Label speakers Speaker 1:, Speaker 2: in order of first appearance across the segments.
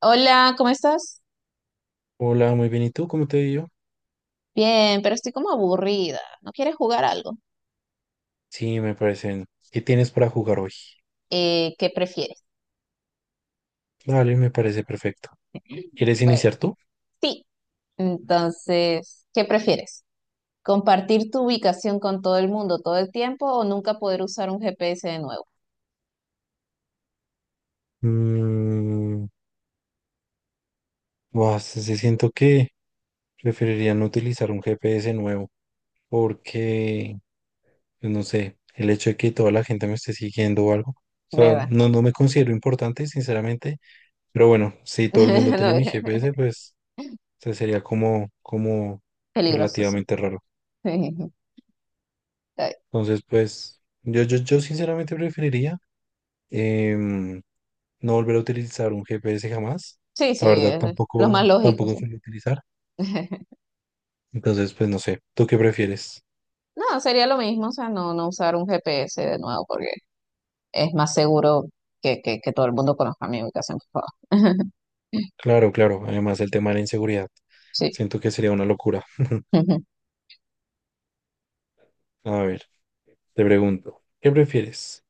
Speaker 1: Hola, ¿cómo estás?
Speaker 2: Hola, muy bien. ¿Y tú? ¿Cómo te ha
Speaker 1: Bien, pero estoy como aburrida. ¿No quieres jugar algo?
Speaker 2: Sí, me parecen. ¿Qué tienes para jugar hoy?
Speaker 1: ¿Qué prefieres?
Speaker 2: Dale, me parece perfecto. ¿Quieres
Speaker 1: Bueno,
Speaker 2: iniciar tú?
Speaker 1: sí. Entonces, ¿qué prefieres? ¿Compartir tu ubicación con todo el mundo todo el tiempo o nunca poder usar un GPS de nuevo?
Speaker 2: Mm, buah, se siento que preferiría no utilizar un GPS nuevo porque, pues, no sé, el hecho de que toda la gente me esté siguiendo o algo. O sea,
Speaker 1: ¿Verdad?
Speaker 2: no, no me considero importante, sinceramente. Pero bueno, si todo el mundo tiene
Speaker 1: No,
Speaker 2: mi GPS, pues o sea, sería como, como
Speaker 1: peligroso, sí.
Speaker 2: relativamente raro. Entonces, pues, yo sinceramente preferiría em, no volver a utilizar un GPS jamás.
Speaker 1: Sí, sí,
Speaker 2: La verdad
Speaker 1: es lo
Speaker 2: tampoco,
Speaker 1: más lógico,
Speaker 2: tampoco
Speaker 1: sí.
Speaker 2: suelo utilizar. Entonces, pues no sé, ¿tú qué prefieres?
Speaker 1: No, sería lo mismo, o sea, no, no usar un GPS de nuevo porque es más seguro que todo el mundo conozca mi ubicación, por favor.
Speaker 2: Claro, claro. Además, el tema de la inseguridad.
Speaker 1: Sí.
Speaker 2: Siento que sería una locura. A ver, te pregunto, ¿qué prefieres?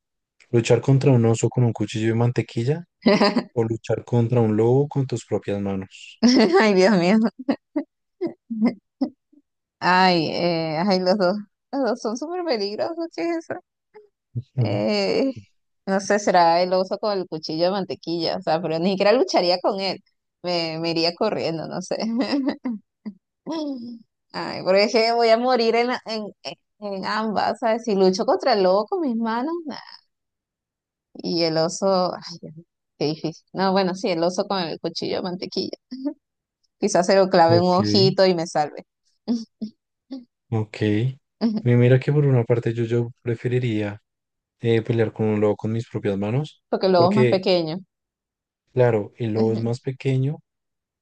Speaker 2: ¿Luchar contra un oso con un cuchillo de mantequilla o luchar contra un lobo con tus propias manos?
Speaker 1: Ay, Dios mío. Ay, ay, los dos son súper peligrosos, ¿qué es eso?
Speaker 2: Ujú.
Speaker 1: Eh, no sé, será el oso con el cuchillo de mantequilla, o sea, pero ni siquiera lucharía con él, me iría corriendo, no sé. Ay, porque es que voy a morir en, la- en ambas, ¿sabes? Si lucho contra el lobo con mis manos, nah. Y el oso, ay, Dios mío, qué difícil. No, bueno, sí, el oso con el cuchillo de mantequilla. Quizás se lo clave en un
Speaker 2: Ok,
Speaker 1: ojito y me salve.
Speaker 2: ok. Mira que por una parte yo preferiría pelear con un lobo con mis propias manos,
Speaker 1: Porque el lobo es más
Speaker 2: porque
Speaker 1: pequeño.
Speaker 2: claro, el lobo es más pequeño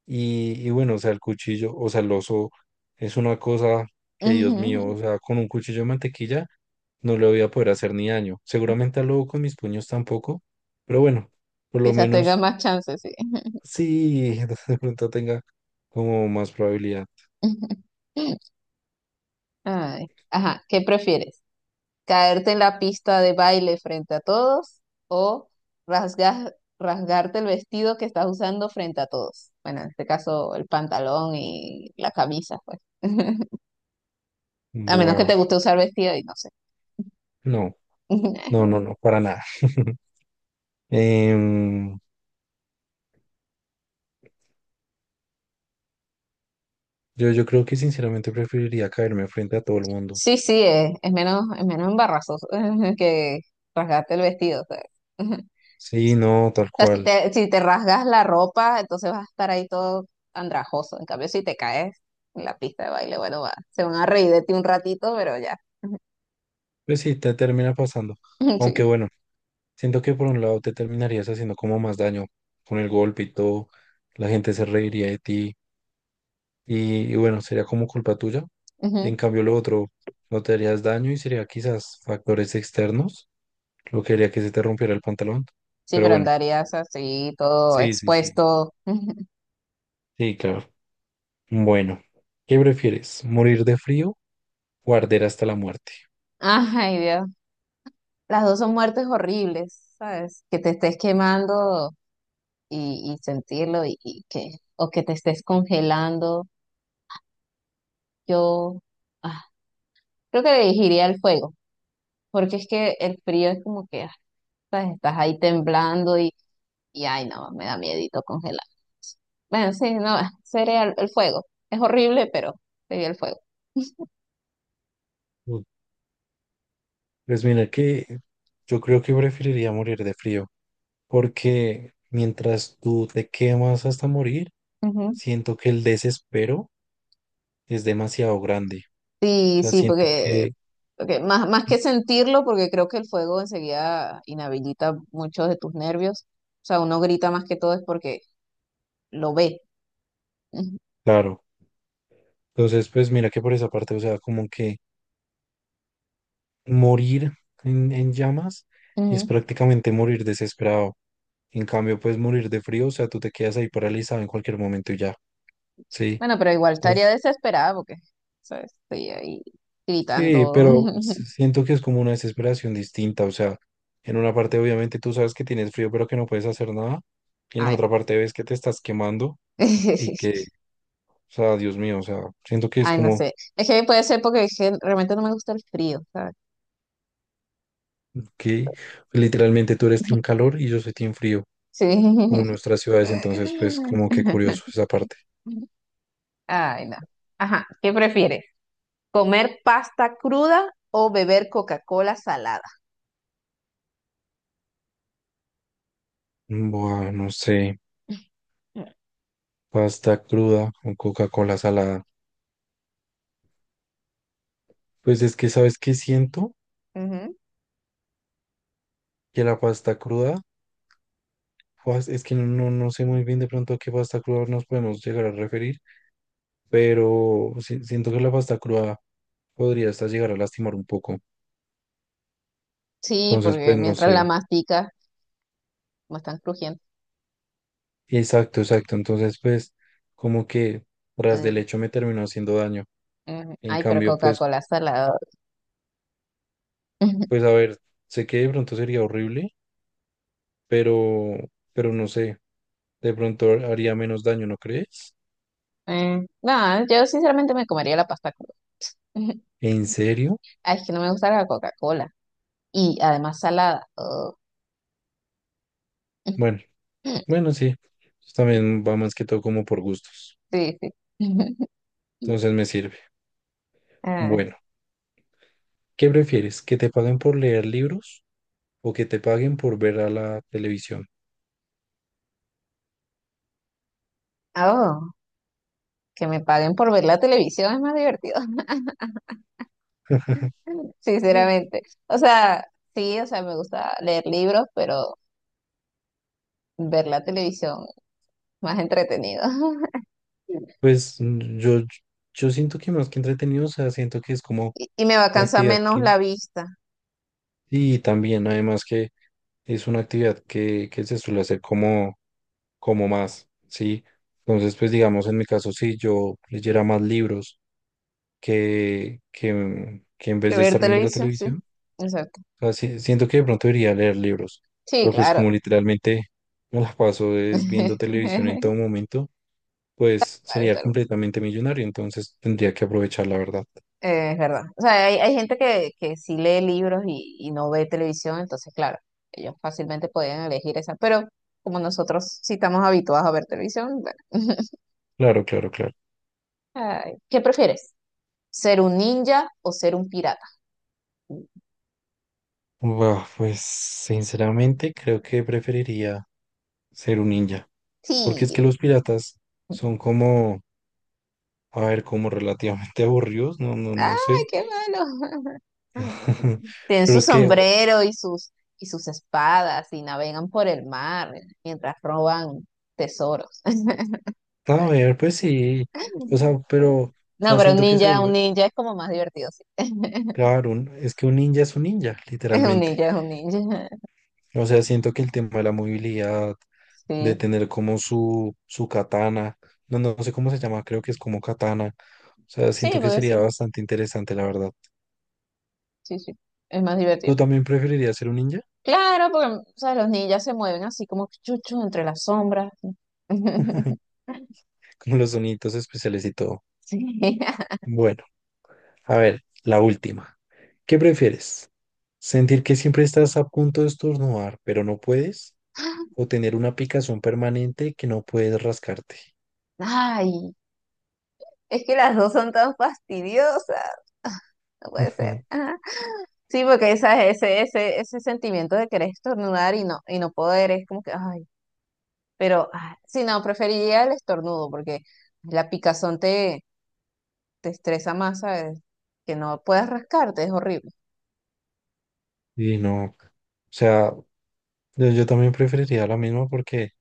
Speaker 2: y bueno, o sea, el cuchillo, o sea, el oso es una cosa que, Dios mío,
Speaker 1: Ujú,
Speaker 2: o sea, con un cuchillo de mantequilla no le voy a poder hacer ni daño. Seguramente al lobo con mis puños tampoco, pero bueno, por lo
Speaker 1: quizás tenga
Speaker 2: menos
Speaker 1: más chances, sí.
Speaker 2: sí, de pronto tenga como más probabilidad.
Speaker 1: Ay, ajá, ¿qué prefieres? ¿Caerte en la pista de baile frente a todos o rasgarte el vestido que estás usando frente a todos? Bueno, en este caso el pantalón y la camisa, pues. A menos que
Speaker 2: Buah,
Speaker 1: te guste usar vestido y no sé.
Speaker 2: no, no, no, no, para nada. Em, yo, yo creo que sinceramente preferiría caerme frente a todo el mundo.
Speaker 1: Sí, sí, es menos embarazoso que rasgarte el vestido, ¿sabes?
Speaker 2: Sí, no, tal
Speaker 1: Sea,
Speaker 2: cual.
Speaker 1: si te rasgas la ropa, entonces vas a estar ahí todo andrajoso. En cambio, si te caes en la pista de baile, bueno, va, se van a reír de ti un ratito, pero ya.
Speaker 2: Pues sí, te termina pasando. Aunque
Speaker 1: Sí,
Speaker 2: bueno, siento que por un lado te terminarías haciendo como más daño con el golpe y todo. La gente se reiría de ti y bueno, sería como culpa tuya.
Speaker 1: ujú.
Speaker 2: En cambio, lo otro, no te harías daño y sería quizás factores externos lo que haría que se te rompiera el pantalón.
Speaker 1: Sí,
Speaker 2: Pero
Speaker 1: pero
Speaker 2: bueno,
Speaker 1: andarías así, todo
Speaker 2: sí, sí, sí.
Speaker 1: expuesto.
Speaker 2: Sí, claro. Bueno, ¿qué prefieres? ¿Morir de frío o arder hasta la muerte?
Speaker 1: Ay, Dios. Las dos son muertes horribles, ¿sabes? Que te estés quemando y sentirlo y que, o que te estés congelando. Yo ah, creo que elegiría el fuego, porque es que el frío es como que ah, ¿sabes? Estás ahí temblando y ay, no, me da miedito congelar. Bueno, sí, no, sería el fuego. Es horrible, pero sería el fuego.
Speaker 2: Uy, pues mira que yo creo que preferiría morir de frío, porque mientras tú te quemas hasta morir,
Speaker 1: Ujú.
Speaker 2: siento que el desespero es demasiado grande. O
Speaker 1: Sí,
Speaker 2: sea,
Speaker 1: sí,
Speaker 2: siento
Speaker 1: porque,
Speaker 2: que,
Speaker 1: porque más, más que sentirlo, porque creo que el fuego enseguida inhabilita muchos de tus nervios. O sea, uno grita más que todo es porque lo ve. Ujú,
Speaker 2: claro, entonces pues mira que por esa parte, o sea, como que morir en llamas es
Speaker 1: ujú.
Speaker 2: prácticamente morir desesperado. En cambio, pues morir de frío, o sea, tú te quedas ahí paralizado en cualquier momento y ya, ¿sí?
Speaker 1: Bueno, pero igual estaría
Speaker 2: Entonces,
Speaker 1: desesperada porque, ¿sabes? Estoy ahí
Speaker 2: sí,
Speaker 1: gritando.
Speaker 2: pero siento que es como una desesperación distinta, o sea, en una parte obviamente tú sabes que tienes frío pero que no puedes hacer nada, y en la
Speaker 1: Ay, no.
Speaker 2: otra parte ves que te estás quemando y que, o sea, Dios mío, o sea, siento que es
Speaker 1: Ay, no
Speaker 2: como
Speaker 1: sé. Es que puede ser porque es que realmente no me gusta el frío, ¿sabes?
Speaker 2: que literalmente tú eres team calor y yo soy team frío, como en
Speaker 1: Sí.
Speaker 2: nuestras ciudades, entonces pues como que curioso esa parte.
Speaker 1: Ay, no. Ajá, ¿qué prefieres? ¿Comer pasta cruda o beber Coca-Cola salada?
Speaker 2: Buah, no sé,
Speaker 1: Mm,
Speaker 2: pasta cruda o Coca-Cola salada. Pues es que, ¿sabes qué siento?
Speaker 1: ujú.
Speaker 2: Que la pasta cruda pues, es que no, no sé muy bien de pronto a qué pasta cruda nos podemos llegar a referir, pero siento que la pasta cruda podría hasta llegar a lastimar un poco.
Speaker 1: Sí,
Speaker 2: Entonces,
Speaker 1: porque
Speaker 2: pues no
Speaker 1: mientras la
Speaker 2: sé.
Speaker 1: masticas, no están crujientes.
Speaker 2: Exacto, exacto. Entonces, pues como que tras del
Speaker 1: Ay,
Speaker 2: hecho me terminó haciendo daño.
Speaker 1: ujú.
Speaker 2: En
Speaker 1: Ay, pero
Speaker 2: cambio, pues,
Speaker 1: Coca-Cola salada.
Speaker 2: pues a ver, sé que de pronto sería horrible, pero, pero no sé, de pronto haría menos daño, ¿no crees?
Speaker 1: No, yo sinceramente me comería la pasta cruda.
Speaker 2: ¿En serio?
Speaker 1: Ay, es que no me gusta la Coca-Cola. Y además salada. Oh.
Speaker 2: Bueno, bueno, sí. También va más que todo como por gustos.
Speaker 1: Sí, sí.
Speaker 2: Entonces me sirve. Bueno. ¿Qué prefieres? ¿Que te paguen por leer libros o que te paguen por ver a la televisión?
Speaker 1: Ah, oh, que me paguen por ver la televisión es más divertido.
Speaker 2: Mm.
Speaker 1: Sinceramente. O sea, sí, o sea, me gusta leer libros, pero ver la televisión más entretenido.
Speaker 2: Pues yo, yo siento que más que entretenido, o sea, siento que es como
Speaker 1: Y, y me va a
Speaker 2: la
Speaker 1: cansar
Speaker 2: actividad
Speaker 1: menos
Speaker 2: que,
Speaker 1: la vista
Speaker 2: y también además que es una actividad que se suele hacer como, como más, ¿sí? Entonces, pues digamos, en mi caso, si yo leyera más libros que en
Speaker 1: que
Speaker 2: vez de
Speaker 1: ver
Speaker 2: estar viendo la
Speaker 1: televisión, sí.
Speaker 2: televisión,
Speaker 1: Exacto.
Speaker 2: sea, siento que de pronto debería leer libros,
Speaker 1: Sí,
Speaker 2: pero pues
Speaker 1: claro.
Speaker 2: como literalmente me la paso es viendo televisión en todo momento, pues
Speaker 1: Claro,
Speaker 2: sería
Speaker 1: tal.
Speaker 2: completamente millonario, entonces tendría que aprovechar la verdad.
Speaker 1: Es verdad. O sea, hay gente que sí lee libros y no ve televisión, entonces, claro, ellos fácilmente podían elegir esa, pero como nosotros sí estamos habituados a ver televisión, bueno.
Speaker 2: Claro, claro, claro.
Speaker 1: Ay, ¿qué prefieres? ¿Ser un ninja o ser un pirata?
Speaker 2: Buah, pues sinceramente creo que preferiría ser un ninja, porque es
Speaker 1: Sí,
Speaker 2: que los piratas son como, a ver, como relativamente aburridos, no, no, no
Speaker 1: ¡ay,
Speaker 2: sé.
Speaker 1: qué malo! Tienen
Speaker 2: Pero
Speaker 1: su
Speaker 2: es que,
Speaker 1: sombrero y sus espadas y navegan por el mar mientras roban tesoros.
Speaker 2: a ver, pues sí, o sea, pero, o
Speaker 1: No,
Speaker 2: sea,
Speaker 1: pero
Speaker 2: siento que
Speaker 1: un ninja es como más divertido, sí.
Speaker 2: claro, es que un ninja es un ninja,
Speaker 1: Un
Speaker 2: literalmente.
Speaker 1: ninja es un ninja.
Speaker 2: O sea, siento que el tema de la movilidad, de
Speaker 1: Sí,
Speaker 2: tener como su katana, no, no sé cómo se llama, creo que es como katana. O sea,
Speaker 1: sí,
Speaker 2: siento que
Speaker 1: porque
Speaker 2: sería
Speaker 1: sí,
Speaker 2: bastante interesante, la verdad.
Speaker 1: sí, sí, es más divertido.
Speaker 2: ¿Tú también preferirías ser un ninja?
Speaker 1: Claro, porque, o sea, los ninjas se mueven así como chuchos entre las sombras.
Speaker 2: Con los sonidos especiales y todo.
Speaker 1: Sí.
Speaker 2: Bueno, a ver, la última. ¿Qué prefieres? ¿Sentir que siempre estás a punto de estornudar, pero no puedes? ¿O tener una picazón permanente que no puedes rascarte?
Speaker 1: Ay, es que las dos son tan fastidiosas. No puede ser. Sí, porque ¿sabes? Ese sentimiento de querer estornudar y no poder, es como que, ay, pero ah, sí, no, preferiría el estornudo porque la picazón te, te estresa más, ¿sabes? Que no puedas rascarte, es horrible.
Speaker 2: Y no, o sea, yo también preferiría la misma porque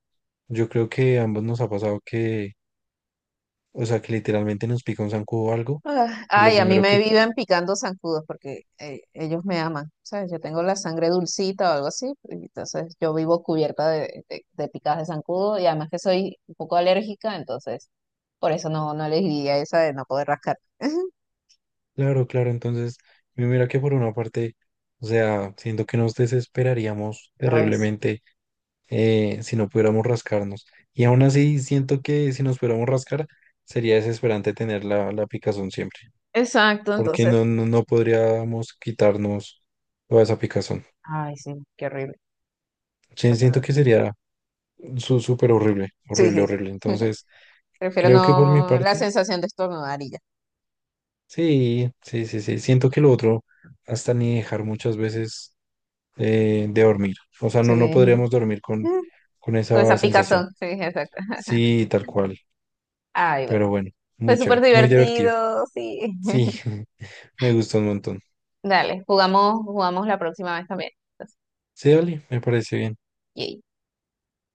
Speaker 2: yo creo que a ambos nos ha pasado que, o sea, que literalmente nos pica un zancudo o algo.
Speaker 1: Ah,
Speaker 2: Y lo
Speaker 1: ay, a mí
Speaker 2: primero
Speaker 1: me
Speaker 2: que,
Speaker 1: viven picando zancudos porque ellos me aman, ¿sabes? Yo tengo la sangre dulcita o algo así, y entonces yo vivo cubierta de picadas de zancudo y además que soy un poco alérgica, entonces por eso no, no elegiría esa de no poder rascar.
Speaker 2: claro, claro, entonces, y mira que por una parte, o sea, siento que nos desesperaríamos
Speaker 1: Ay, sí.
Speaker 2: terriblemente si no pudiéramos rascarnos. Y aún así, siento que si nos pudiéramos rascar, sería desesperante tener la, la picazón siempre,
Speaker 1: Exacto,
Speaker 2: porque
Speaker 1: entonces,
Speaker 2: no, no, no podríamos quitarnos toda esa picazón.
Speaker 1: ay, sí, qué horrible. Qué
Speaker 2: Sí, siento
Speaker 1: horror.
Speaker 2: que sería súper horrible,
Speaker 1: Sí,
Speaker 2: horrible,
Speaker 1: sí, sí.
Speaker 2: horrible. Entonces,
Speaker 1: Prefiero
Speaker 2: creo que por mi
Speaker 1: no la
Speaker 2: parte,
Speaker 1: sensación de estornudar y ya.
Speaker 2: sí, sí, sí, sí. Siento que lo otro, hasta ni dejar muchas veces de dormir. O sea, no, no
Speaker 1: Sí.
Speaker 2: podríamos dormir con
Speaker 1: Con
Speaker 2: esa
Speaker 1: esa
Speaker 2: sensación.
Speaker 1: picazón. Sí, exacto.
Speaker 2: Sí, tal cual.
Speaker 1: Ay, bueno.
Speaker 2: Pero bueno,
Speaker 1: Fue
Speaker 2: muy
Speaker 1: súper
Speaker 2: chévere, muy divertido.
Speaker 1: divertido, sí.
Speaker 2: Sí, me gustó un montón.
Speaker 1: Dale, jugamos, jugamos la próxima vez también. Entonces,
Speaker 2: Sí, dale, me parece bien.
Speaker 1: yay.